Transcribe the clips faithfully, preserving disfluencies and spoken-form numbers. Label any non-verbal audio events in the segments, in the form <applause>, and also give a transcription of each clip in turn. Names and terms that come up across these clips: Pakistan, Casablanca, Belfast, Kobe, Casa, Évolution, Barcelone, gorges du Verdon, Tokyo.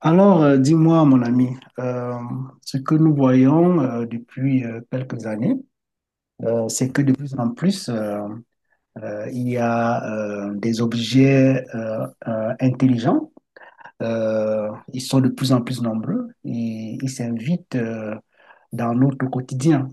Alors, euh, dis-moi, mon ami, euh, ce que nous voyons euh, depuis euh, quelques années, euh, c'est que de Mhm, plus en plus, euh, euh, il y a euh, des objets euh, euh, intelligents. Euh, mhm, ils sont de plus en plus nombreux et ils s'invitent euh, dans notre quotidien.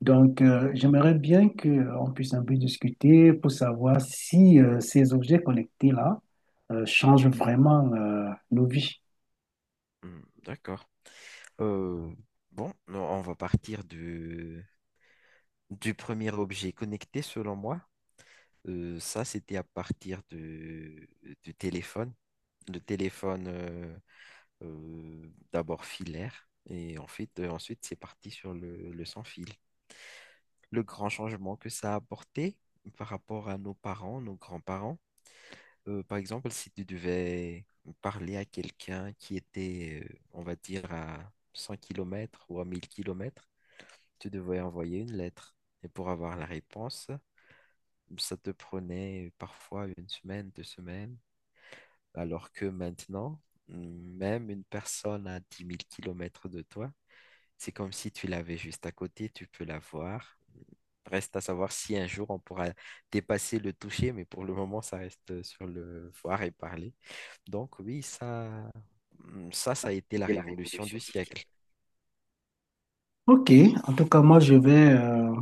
Donc, euh, mhm. j'aimerais bien qu'on puisse un peu discuter pour savoir si euh, ces objets connectés-là euh, changent vraiment euh, nos vies. Hmm, d'accord. Euh, Bon, non, on va partir de, du premier objet connecté selon moi. Euh, ça, c'était à partir de, du téléphone. Le téléphone, euh, euh, d'abord filaire et ensuite, euh, ensuite c'est parti sur le, le sans fil. Le grand changement que ça a apporté par rapport à nos parents, nos grands-parents. Euh, par exemple, si tu devais parler à quelqu'un qui était, euh, on va dire, à cent kilomètres ou à mille kilomètres, tu devais envoyer une lettre. Et pour avoir la réponse, ça te prenait parfois une semaine, deux semaines, alors que maintenant, mm, même une personne à dix mille kilomètres de toi, c'est comme si tu l'avais juste à côté, tu peux la voir. Reste à savoir si un jour on pourra dépasser le toucher, mais pour le moment, ça reste sur le voir et parler. Donc oui, ça, ça, ça a été la Et la révolution révolution. du siècle. Ok, en tout cas, moi, je vais euh,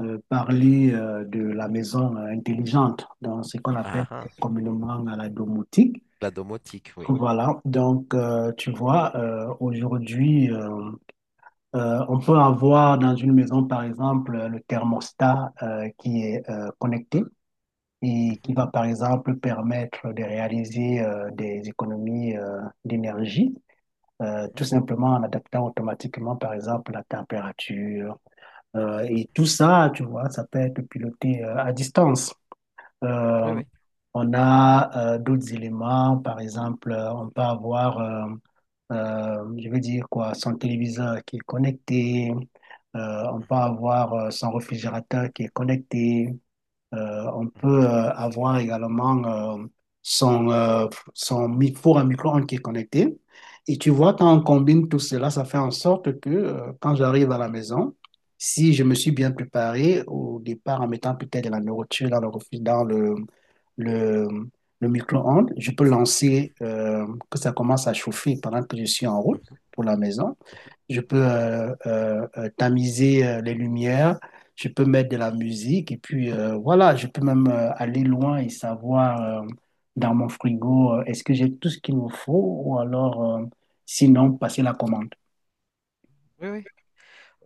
euh, parler euh, de la maison euh, intelligente, dans ce qu'on appelle Ah, ah. communément euh, la domotique. La domotique, oui. Voilà, donc euh, tu vois, euh, aujourd'hui, euh, euh, on peut avoir dans une maison, par exemple, euh, le thermostat euh, qui est euh, connecté et qui Mhm, va, par exemple, permettre de réaliser euh, des économies euh, d'énergie, euh, mhm. tout simplement en adaptant automatiquement, par exemple, la température. Euh, et tout ça, tu vois, ça peut être piloté euh, à distance. Oui, Euh, oui. on a euh, d'autres éléments, par exemple, euh, on peut avoir, euh, euh, je veux dire quoi, son téléviseur qui est connecté, euh, on peut Mhm, avoir euh, son réfrigérateur qui est connecté, euh, on peut euh, avoir également euh, son, euh, son mi- four à micro-ondes qui est connecté. Et tu vois, quand mhm, on combine tout cela, ça fait en sorte que euh, quand j'arrive à la maison, si je me suis bien préparé au départ en mettant peut-être de la nourriture dans le, refri- dans le, le, le micro-ondes, je peux lancer euh, que ça commence à chauffer pendant que je suis en route mhm, pour la maison. mhm, Je peux mhm. euh, euh, euh, tamiser euh, les lumières, je peux mettre de la musique et puis euh, voilà, je peux même euh, aller loin et savoir euh, dans mon frigo euh, est-ce que j'ai tout ce qu'il me faut ou alors euh, sinon passer la commande. Oui, oui.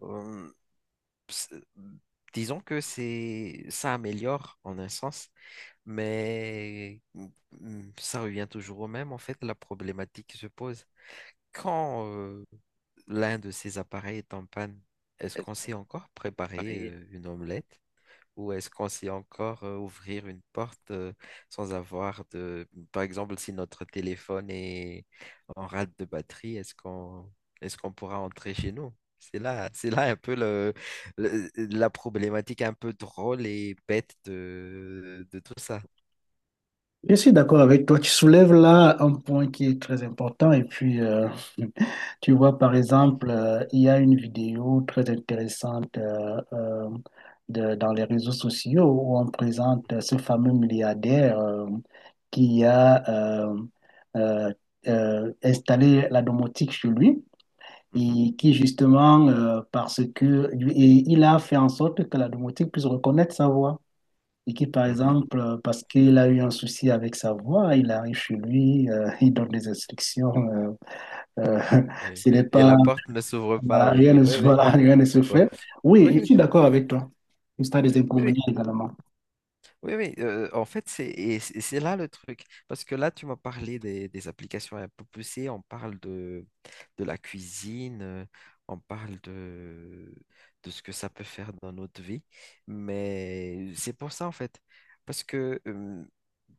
Euh, c'est- disons que c'est, ça améliore en un sens, mais mm, ça revient toujours au même. En fait, la problématique se pose quand euh, l'un de ces appareils est en panne. Est-ce qu'on sait encore préparer euh, une omelette? Ou est-ce qu'on sait encore euh, ouvrir une porte euh, sans avoir de. Par exemple, si notre téléphone est en rade de batterie, est-ce qu'on est-ce qu'on pourra entrer chez nous? C'est là, c'est là un peu le, le- la problématique un peu drôle et bête de, de tout ça. Je suis d'accord avec toi. Tu soulèves là un point qui est très important. Et puis, euh, <laughs> tu vois, par exemple, euh, il y a une vidéo très intéressante euh, euh, de- dans les réseaux sociaux où on présente euh, ce fameux milliardaire euh, qui a euh, euh, euh, installé la domotique chez lui Mhm, et qui justement, euh, parce que et il a fait en sorte que la domotique puisse reconnaître sa voix. Et qui, par mhm. exemple, euh, parce qu'il a eu un souci avec sa voix, il arrive chez lui, euh, il donne des instructions. Euh, euh, <laughs> Oui. s'il n'est Et pas, la porte ne s'ouvre pas, voilà, oui. rien ne, Oui, se- <laughs> oui. voilà, rien ne se Ouais. fait. Oui, Oui, je oui. suis d'accord avec toi. Il y a des Oui, oui. inconvénients également. Oui, oui, euh, en fait, c'est et c'est c'est là le truc. Parce que là, tu m'as parlé des, des applications un peu poussées. On parle de, de la cuisine, euh, on parle de, de ce que ça peut faire dans notre vie. Mais c'est pour ça, en fait. Parce que euh,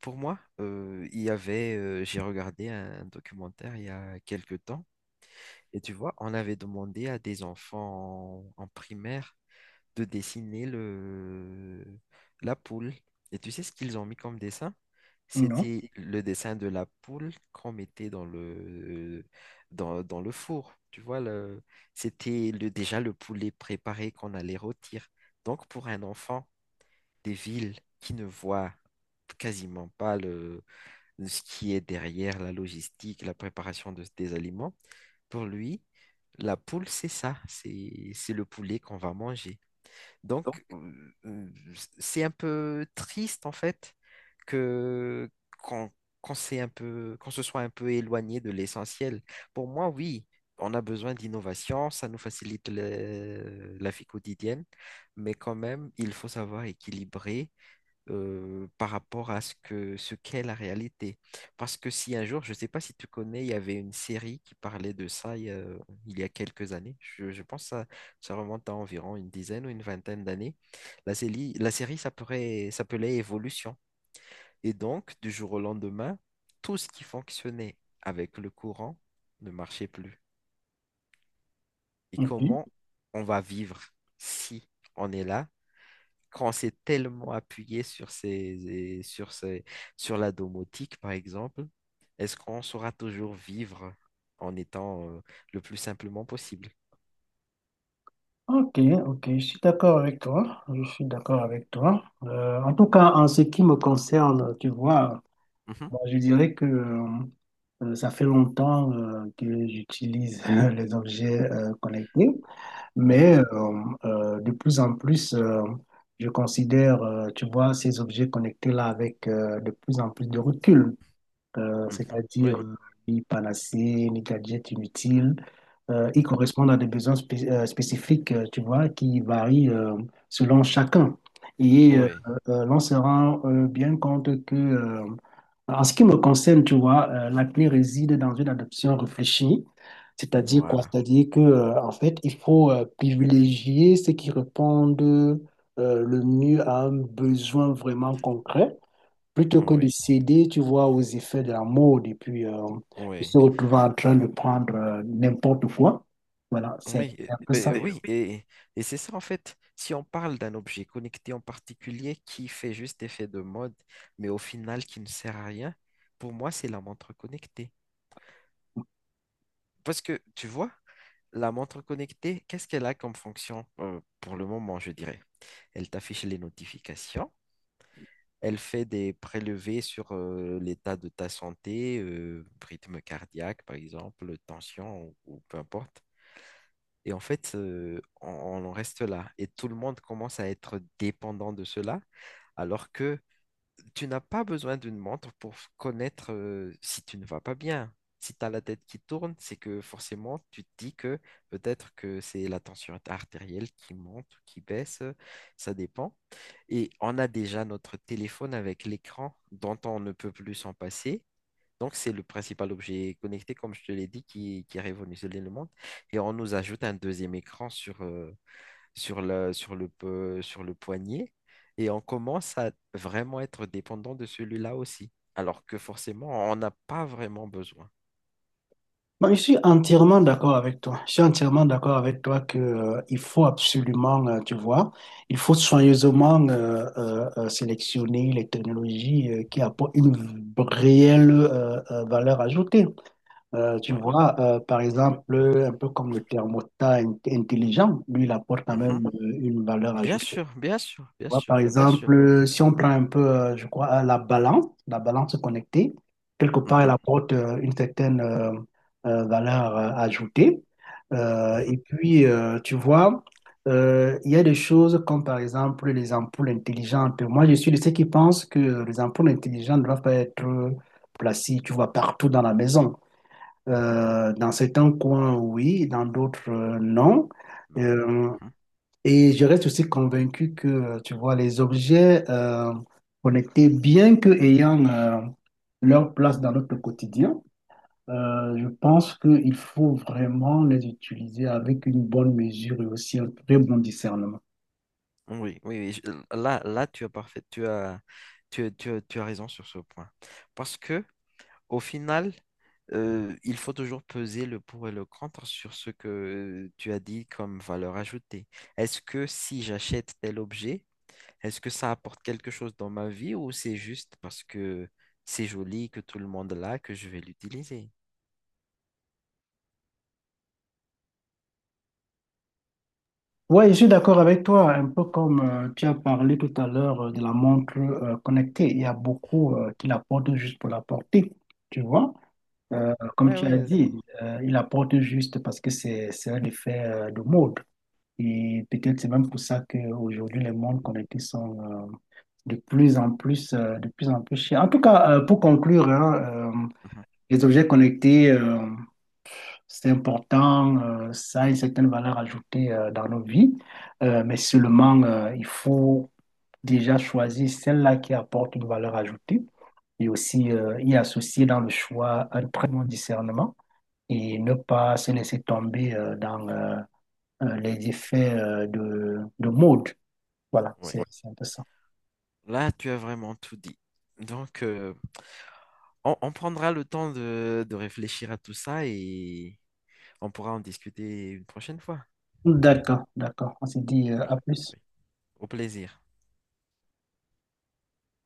pour moi, euh, il y avait, euh, j'ai regardé un documentaire il y a quelques temps. Et tu vois, on avait demandé à des enfants en en primaire de dessiner le, la poule. Et tu sais ce qu'ils ont mis comme dessin? Non? C'était le dessin de la poule qu'on mettait dans le, dans, dans le four. Tu vois, le, c'était le, déjà le poulet préparé qu'on allait rôtir. Donc, pour un enfant des villes qui ne voit quasiment pas le, ce qui est derrière la logistique, la préparation de, des aliments, pour lui, la poule, c'est ça, c'est, c'est le poulet qu'on va manger. Donc, euh, c'est un peu triste en fait que qu'on qu'on s'est un peu, qu'on se soit un peu éloigné de l'essentiel. Pour moi, oui, on a besoin d'innovation, ça nous facilite le- la vie quotidienne, mais quand même, il faut savoir équilibrer euh, par rapport à ce que ce qu'est la réalité. Parce que si un jour, je ne sais pas si tu connais, il y avait une série qui parlait de ça il y a, il y a quelques années. Je, je pense que ça, ça remonte à environ une dizaine ou une vingtaine d'années. La série, la série s'appelait, s'appelait Évolution. Et donc, du jour au lendemain, tout ce qui fonctionnait avec le courant ne marchait plus. Et Ok. comment on va vivre si on est là quand on s'est tellement appuyé sur ces, sur ces, sur la domotique, par exemple, est-ce qu'on saura toujours vivre en étant euh, le plus simplement possible? Ok, ok, je suis d'accord avec toi. Je suis d'accord avec toi. Euh, en tout cas, en ce qui me concerne, tu vois, Mhm, moi, je dirais que euh, ça fait longtemps euh, que j'utilise <laughs> les objets euh, connectés. mhm, Mais euh, euh, de plus en plus, euh, je considère, euh, tu vois, ces objets connectés-là avec euh, de plus en plus de recul euh, mhm, c'est-à-dire oui, euh, ni panacée, ni gadgets inutiles. Euh, ils mhm, correspondent à des besoins spé- euh, spécifiques, euh, tu vois, qui varient euh, selon chacun. Et euh, oui, euh, l'on se rend euh, bien compte que, euh, en ce qui me concerne, tu vois, euh, la clé réside dans une adoption réfléchie. C'est-à-dire quoi? voilà. C'est-à-dire que, euh, en fait, il faut euh, privilégier ceux qui répondent euh, le mieux à un besoin vraiment concret. Plutôt que de Oui, céder, tu vois, aux effets de la mode et puis euh, de oui, se retrouver en train de prendre euh, n'importe quoi. Voilà, c'est oui, euh, c'est un peu ça. oui, oui, et, et c'est ça en fait. Si on parle d'un objet connecté en particulier qui fait juste effet de mode, mais au final qui ne sert à rien, pour moi, c'est la montre connectée. Parce que tu vois, la montre connectée, qu'est-ce qu'elle a comme fonction euh, pour le moment, je dirais? Elle t'affiche les notifications, elle fait des prélevés sur euh, l'état de ta santé, euh, rythme cardiaque par exemple, tension ou, ou peu importe. Et en fait, euh, on, on en reste là. Et tout le monde commence à être dépendant de cela, alors que tu n'as pas besoin d'une montre pour connaître euh, si tu ne vas pas bien. Si tu as la tête qui tourne, c'est que forcément, tu te dis que peut-être que c'est la tension artérielle qui monte ou qui baisse, euh, ça dépend. Et on a déjà notre téléphone avec l'écran dont on ne peut plus s'en passer. Donc, c'est le principal objet connecté, comme je te l'ai dit, qui, qui a révolutionné le monde. Et on nous ajoute un deuxième écran sur, euh, sur le, sur le, po- sur le poignet et on commence à vraiment être dépendant de celui-là aussi, alors que forcément, on n'a pas vraiment besoin. Moi, je suis entièrement d'accord avec toi. Je suis entièrement d'accord avec toi que, euh, il faut absolument, euh, tu vois, il faut soigneusement euh, euh, euh, sélectionner les technologies euh, qui apportent une réelle euh, euh, valeur ajoutée. Euh, tu Ouais. vois, euh, par Oui. exemple, un peu comme le thermostat in- intelligent, lui, il apporte quand Mhm. même euh, une valeur Bien ajoutée. sûr, bien sûr, Tu bien vois, par sûr, bien sûr. exemple, si on prend un peu, euh, je crois, euh, la balance, la balance connectée, quelque part, elle Mhm, apporte euh, une certaine euh, euh, valeur euh, ajoutée. Euh, mhm, et puis, euh, tu vois, euh, il y a des choses comme, par exemple, les ampoules intelligentes. Moi, je suis de ceux qui pensent que les ampoules intelligentes doivent pas être placées, tu vois, partout dans la maison. mhm. Euh, dans certains coins, oui, dans d'autres, euh, non. Non. Euh, Mhm. et je reste aussi convaincu que, tu vois, les objets euh, connectés, bien que ayant euh, leur place dans notre quotidien, euh, je pense qu'il faut vraiment les utiliser avec une bonne mesure et aussi un très bon discernement. Oui, oui, oui, je- Là, là, tu as parfait, tu as, tu, as tu, as tu as raison sur ce point. Parce que au final, euh, il faut toujours peser le pour et le contre sur ce que tu as dit comme valeur ajoutée. Est-ce que si j'achète tel objet, est-ce que ça apporte quelque chose dans ma vie ou c'est juste parce que c'est joli, que tout le monde l'a, que je vais l'utiliser? Ouais, je suis d'accord avec toi, un peu comme euh, tu as parlé tout à l'heure euh, de la montre euh, connectée. Il y a beaucoup euh, qui la portent juste pour la porter, tu vois. Ouais, Euh, comme ouais, tu as ouais. dit, euh, il la porte juste parce que c'est c'est un effet euh, de mode. Et peut-être c'est même pour ça qu'aujourd'hui, les montres connectées sont euh, de plus en plus, euh, de plus en plus chères. En tout cas, euh, pour conclure, hein, euh, Mhm. les objets connectés. euh, c'est important, euh, ça a une certaine valeur ajoutée euh, dans nos vies, euh, mais seulement euh, il faut déjà choisir celle-là qui apporte une valeur ajoutée et aussi euh, y associer dans le choix un très bon discernement et ne pas se laisser tomber euh, dans euh, euh, les effets euh, de, de mode. Voilà, Ouais. c'est c'est un peu ça. Là, tu as vraiment tout dit. Donc, euh, on, on prendra le temps de, de réfléchir à tout ça et on pourra en discuter une prochaine fois. D'accord, d'accord. On s'est dit euh, à D'accord. plus. Oui. Au plaisir.